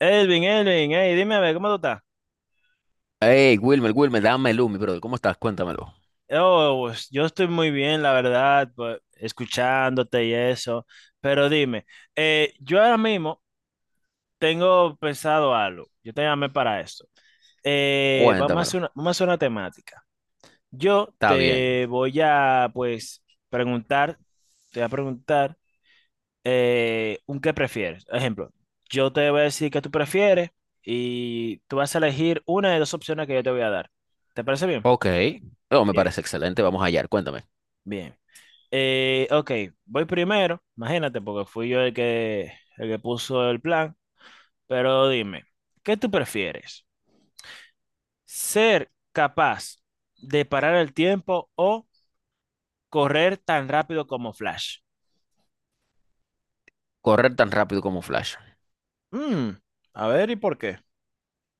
Elvin, Elvin, hey, dime a ver, ¿cómo tú estás? Hey, Wilmer, Wilmer, dame luz, mi brother. ¿Cómo estás? Cuéntamelo. Oh, pues, yo estoy muy bien, la verdad, pues, escuchándote y eso, pero dime, yo ahora mismo tengo pensado algo, yo te llamé para esto. Vamos a hacer Cuéntamelo. una, vamos a hacer una temática. Yo Está bien. te voy a, pues, preguntar, te voy a preguntar un qué prefieres. Ejemplo, yo te voy a decir qué tú prefieres y tú vas a elegir una de dos opciones que yo te voy a dar. ¿Te parece bien? Ok. No, me Bien. parece excelente. Vamos allá. Cuéntame. Bien. Ok, voy primero, imagínate, porque fui yo el que puso el plan, pero dime, ¿qué tú prefieres? ¿Ser capaz de parar el tiempo o correr tan rápido como Flash? Correr tan rápido como Flash. Mm, a ver, ¿y por qué?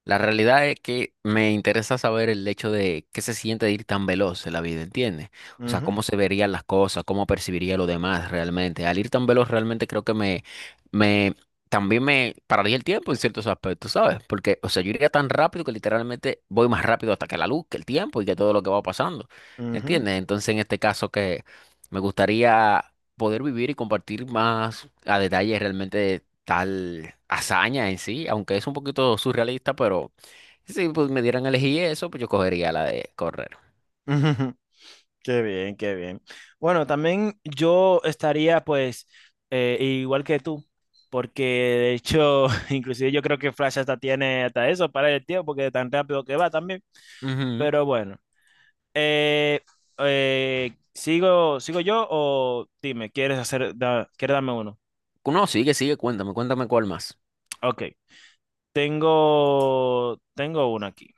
La realidad es que me interesa saber el hecho de qué se siente de ir tan veloz en la vida, ¿entiendes? O sea, Ujú, cómo se verían las cosas, cómo percibiría lo demás realmente. Al ir tan veloz realmente creo que me, también me pararía el tiempo en ciertos aspectos, ¿sabes? Porque, o sea, yo iría tan rápido que literalmente voy más rápido hasta que la luz, que el tiempo y que todo lo que va pasando, ujú. ¿entiendes? Entonces, en este caso que me gustaría poder vivir y compartir más a detalle realmente tal hazaña en sí, aunque es un poquito surrealista, pero si pues, me dieran a elegir eso, pues yo cogería la de correr. Qué bien, qué bien. Bueno, también yo estaría pues igual que tú, porque de hecho, inclusive yo creo que Flash hasta tiene hasta eso para el tiempo, porque tan rápido que va también. Ujú. Pero bueno, eh, ¿sigo, sigo yo o dime, ¿quieres hacer, quieres darme uno? No, sigue, sigue, cuéntame, cuéntame cuál más. Ok, tengo, tengo uno aquí.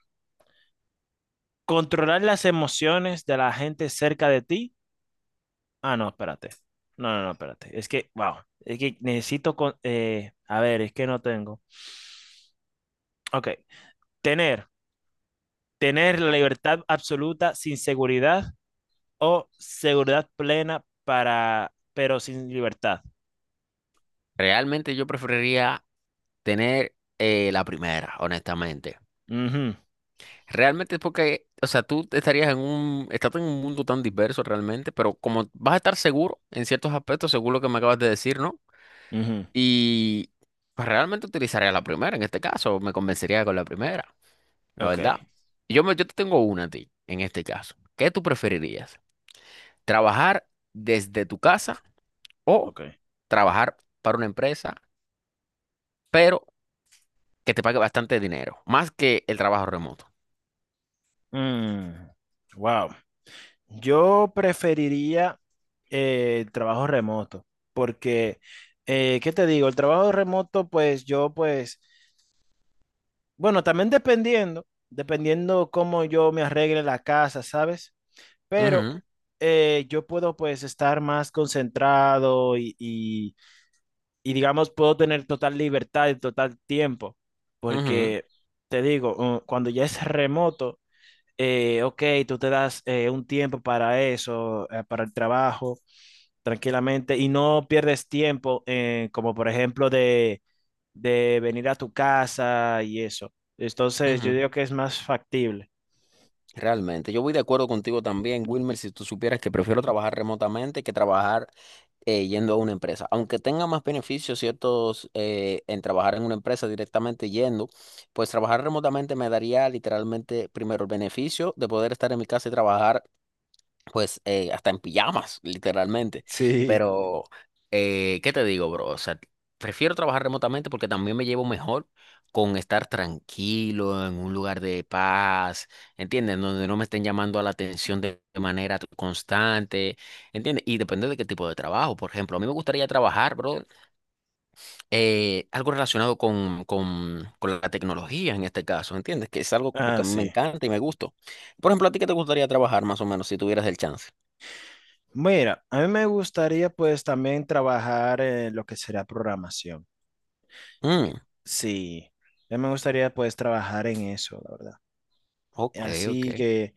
Controlar las emociones de la gente cerca de ti. Ah, no, espérate. No, no, no, espérate. Es que, wow. Es que necesito con, a ver, es que no tengo. Ok. Tener, tener la libertad absoluta sin seguridad o seguridad plena para, pero sin libertad. Realmente yo preferiría tener la primera, honestamente. Ujú, Realmente es porque, o sea, tú te estarías en un, estás en un mundo tan diverso realmente, pero como vas a estar seguro en ciertos aspectos, según lo que me acabas de decir, ¿no? ujú. Y pues realmente utilizaría la primera en este caso, me convencería con la primera. La Ok, verdad. Yo te tengo una a ti, en este caso. ¿Qué tú preferirías? ¿Trabajar desde tu casa o ok. trabajar para una empresa, pero que te pague bastante dinero? Más que el trabajo remoto. Mm, wow. Yo preferiría el trabajo remoto porque, ¿qué te digo? El trabajo remoto, pues yo, pues... Bueno, también dependiendo, dependiendo cómo yo me arregle la casa, ¿sabes? Pero Ujú, yo puedo pues estar más concentrado y digamos puedo tener total libertad y total tiempo, ujú, porque te digo, cuando ya es remoto, ok, tú te das un tiempo para eso, para el trabajo, tranquilamente y no pierdes tiempo, como por ejemplo de venir a tu casa y eso. Entonces, yo ujú. digo que es más factible. Realmente, yo voy de acuerdo contigo también, Wilmer, si tú supieras que prefiero trabajar remotamente que trabajar yendo a una empresa. Aunque tenga más beneficios ciertos en trabajar en una empresa directamente yendo, pues trabajar remotamente me daría literalmente primero el beneficio de poder estar en mi casa y trabajar pues hasta en pijamas, literalmente. Sí. Pero, ¿qué te digo, bro? O sea, prefiero trabajar remotamente porque también me llevo mejor con estar tranquilo en un lugar de paz, ¿entiendes? Donde no me estén llamando a la atención de manera constante, ¿entiendes? Y depende de qué tipo de trabajo. Por ejemplo, a mí me gustaría trabajar, bro, algo relacionado con la tecnología en este caso, ¿entiendes? Que es algo como Ah, que a mí me sí. encanta y me gusta. Por ejemplo, ¿a ti qué te gustaría trabajar más o menos si tuvieras el chance? Mira, a mí me gustaría pues también trabajar en lo que será programación. Mm. Sí, a mí me gustaría pues trabajar en eso, la verdad. Ok, ok. Así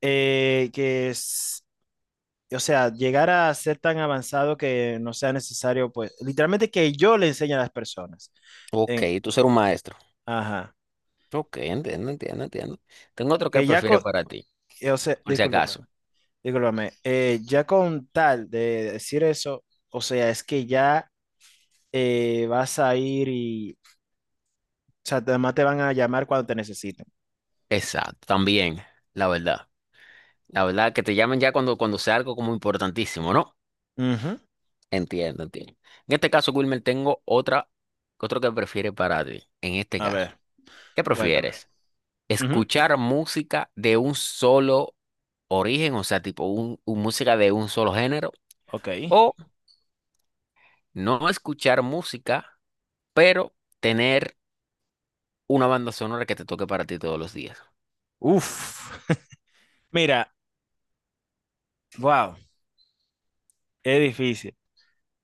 que es, o sea, llegar a ser tan avanzado que no sea necesario pues, literalmente que yo le enseñe a las personas Ok, en, tú ser un maestro. ajá. Ok, entiendo, entiendo, entiendo. Tengo otro que Que ya con, prefiere para ti, o sea, por si discúlpame, acaso. discúlpame, ya con tal de decir eso, o sea, es que ya vas a ir y, o sea, además te van a llamar cuando te necesiten. Exacto, también, la verdad. La verdad, que te llamen ya cuando sea algo como importantísimo, ¿no? Ujú. Entiendo, entiendo. En este caso, Wilmer, tengo otra, otro que prefiere para ti. En este A caso, ver, ¿qué cuéntame. prefieres? Ujú. ¿Escuchar música de un solo origen, o sea, un música de un solo género? Ok. ¿O no escuchar música, pero tener una banda sonora que te toque para ti todos los días? Uf. Mira, wow, es difícil.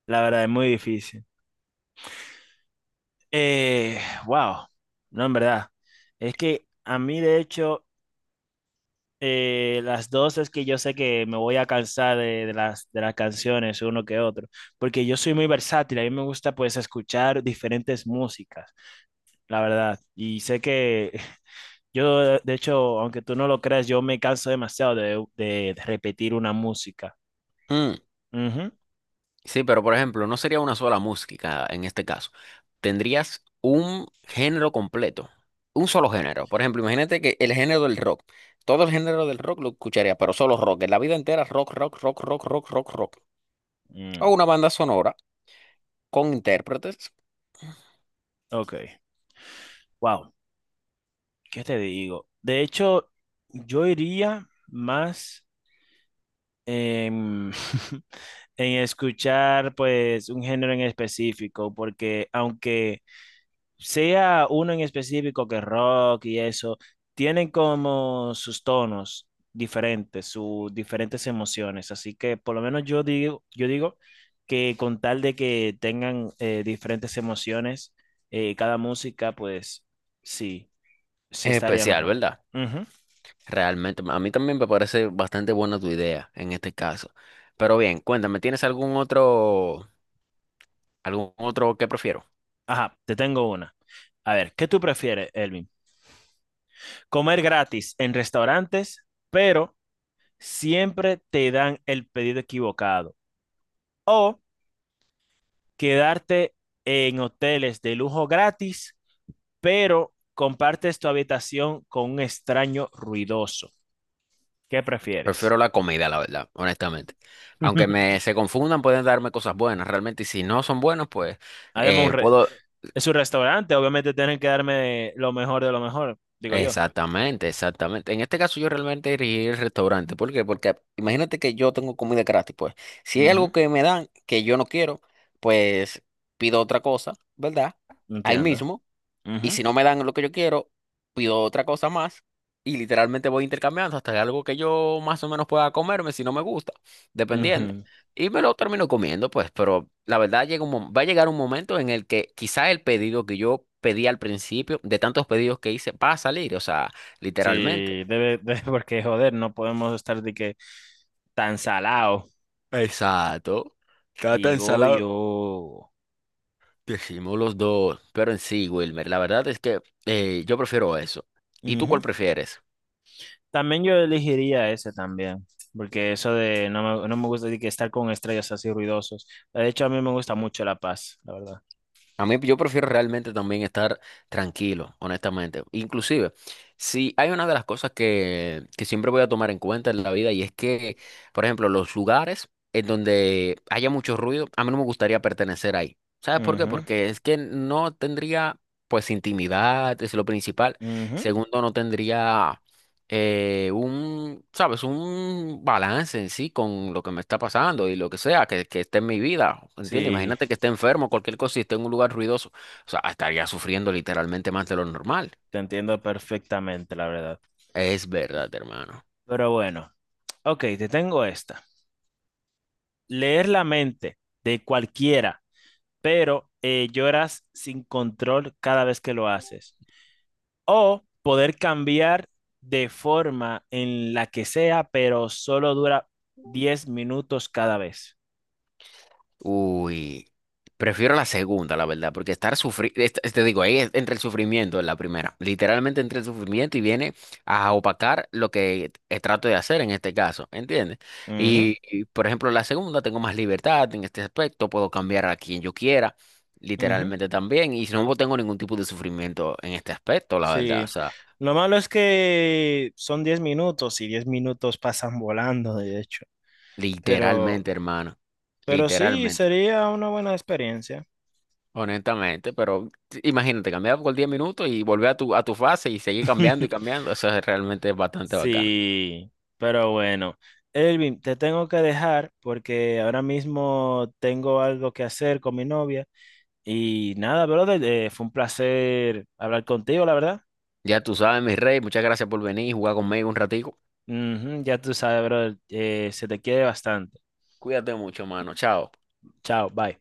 La verdad, es muy difícil. Eh, wow. No, en verdad. Es que a mí, de hecho, las dos es que yo sé que me voy a cansar de las canciones uno que otro, porque yo soy muy versátil, a mí me gusta pues escuchar diferentes músicas, la verdad, y sé que yo, de hecho, aunque tú no lo creas, yo me canso demasiado de, de repetir una música. Mm, Ujú. sí, pero por ejemplo, no sería una sola música en este caso. Tendrías un género completo, un solo género. Por ejemplo, imagínate que el género del rock, todo el género del rock lo escucharía, pero solo rock, en la vida entera rock, rock, rock, rock, rock, rock, rock. O Mm, una banda sonora con intérpretes. ok, wow, ¿qué te digo? De hecho, yo iría más... em, en escuchar pues un género en específico, porque aunque sea uno en específico que rock y eso, tienen como sus tonos diferentes, sus diferentes emociones, así que por lo menos yo digo que con tal de que tengan diferentes emociones, cada música pues sí, se Es estaría especial, mejor. ¿verdad? Ujú. Realmente, a mí también me parece bastante buena tu idea en este caso. Pero bien, cuéntame, ¿tienes algún otro que prefieras? Ajá, te tengo una. A ver, ¿qué tú prefieres, Elvin? Comer gratis en restaurantes, pero siempre te dan el pedido equivocado. O quedarte en hoteles de lujo gratis, pero compartes tu habitación con un extraño ruidoso. ¿Qué prefieres? Prefiero la comida, la verdad, honestamente. Aunque me se confundan, pueden darme cosas buenas, realmente. Y si no son buenas, pues Además, puedo. es un restaurante, obviamente tienen que darme lo mejor de lo mejor, digo yo. Exactamente, exactamente. En este caso, yo realmente iría al restaurante. ¿Por qué? Porque imagínate que yo tengo comida gratis, pues. Si hay Ujú. algo que me dan que yo no quiero, pues pido otra cosa, ¿verdad? Ahí Entiendo. mismo. Y Ujú, si no me dan lo que yo quiero, pido otra cosa más y literalmente voy intercambiando hasta que algo que yo más o menos pueda comerme si no me gusta, dependiendo. ujú. Y me lo termino comiendo, pues, pero la verdad llega un, va a llegar un momento en el que quizá el pedido que yo pedí al principio, de tantos pedidos que hice, va a salir, o sea, Sí, literalmente. debe, debe- porque joder, no podemos estar de que tan salado. Exacto. Está tan Digo salado. yo. Decimos los dos, pero en sí, Wilmer, la verdad es que yo prefiero eso. ¿Y tú Ujú. cuál prefieres? También yo elegiría ese también, porque eso de no me, no me gusta de que estar con estrellas así ruidosos. De hecho, a mí me gusta mucho la paz, la verdad. A mí yo prefiero realmente también estar tranquilo, honestamente. Inclusive, si hay una de las cosas que siempre voy a tomar en cuenta en la vida y es que, por ejemplo, los lugares en donde haya mucho ruido, a mí no me gustaría pertenecer ahí. ¿Sabes por qué? Ujú, Porque es que no tendría pues intimidad, es lo principal. ujú. Segundo, no tendría un, sabes, un balance en sí con lo que me está pasando y lo que sea, que esté en mi vida, ¿entiendes? Sí, Imagínate que esté enfermo, cualquier cosa y esté en un lugar ruidoso, o sea, estaría sufriendo literalmente más de lo normal. te entiendo perfectamente, la verdad. Es verdad, hermano. Pero bueno, ok, te tengo esta. Leer la mente de cualquiera, pero lloras sin control cada vez que lo haces. O poder cambiar de forma en la que sea, pero solo dura 10 minutos cada vez. Uy, prefiero la segunda, la verdad, porque estar sufriendo, te digo, ahí entra el sufrimiento en la primera, literalmente entre el sufrimiento y viene a opacar lo que trato de hacer en este caso, ¿entiendes? Ujú, Por ejemplo, la segunda tengo más libertad en este aspecto, puedo cambiar a quien yo quiera, ujú. literalmente también, y no tengo ningún tipo de sufrimiento en este aspecto, la verdad, o Sí. sea, Lo malo es que son 10 minutos y 10 minutos pasan volando, de hecho. Pero, literalmente, hermano, pero sí, literalmente. sería una buena experiencia. Honestamente, pero imagínate, cambiar por 10 minutos y volver a a tu fase y seguir cambiando y cambiando. Eso es realmente bastante bacano. Sí, pero bueno. Elvin, te tengo que dejar porque ahora mismo tengo algo que hacer con mi novia. Y nada, brother, fue un placer hablar contigo, la verdad. Ya tú sabes, mi rey, muchas gracias por venir y jugar conmigo un ratico. Ujú, ya tú sabes, brother, se te quiere bastante. Cuídate mucho, mano. Chao. Chao, bye.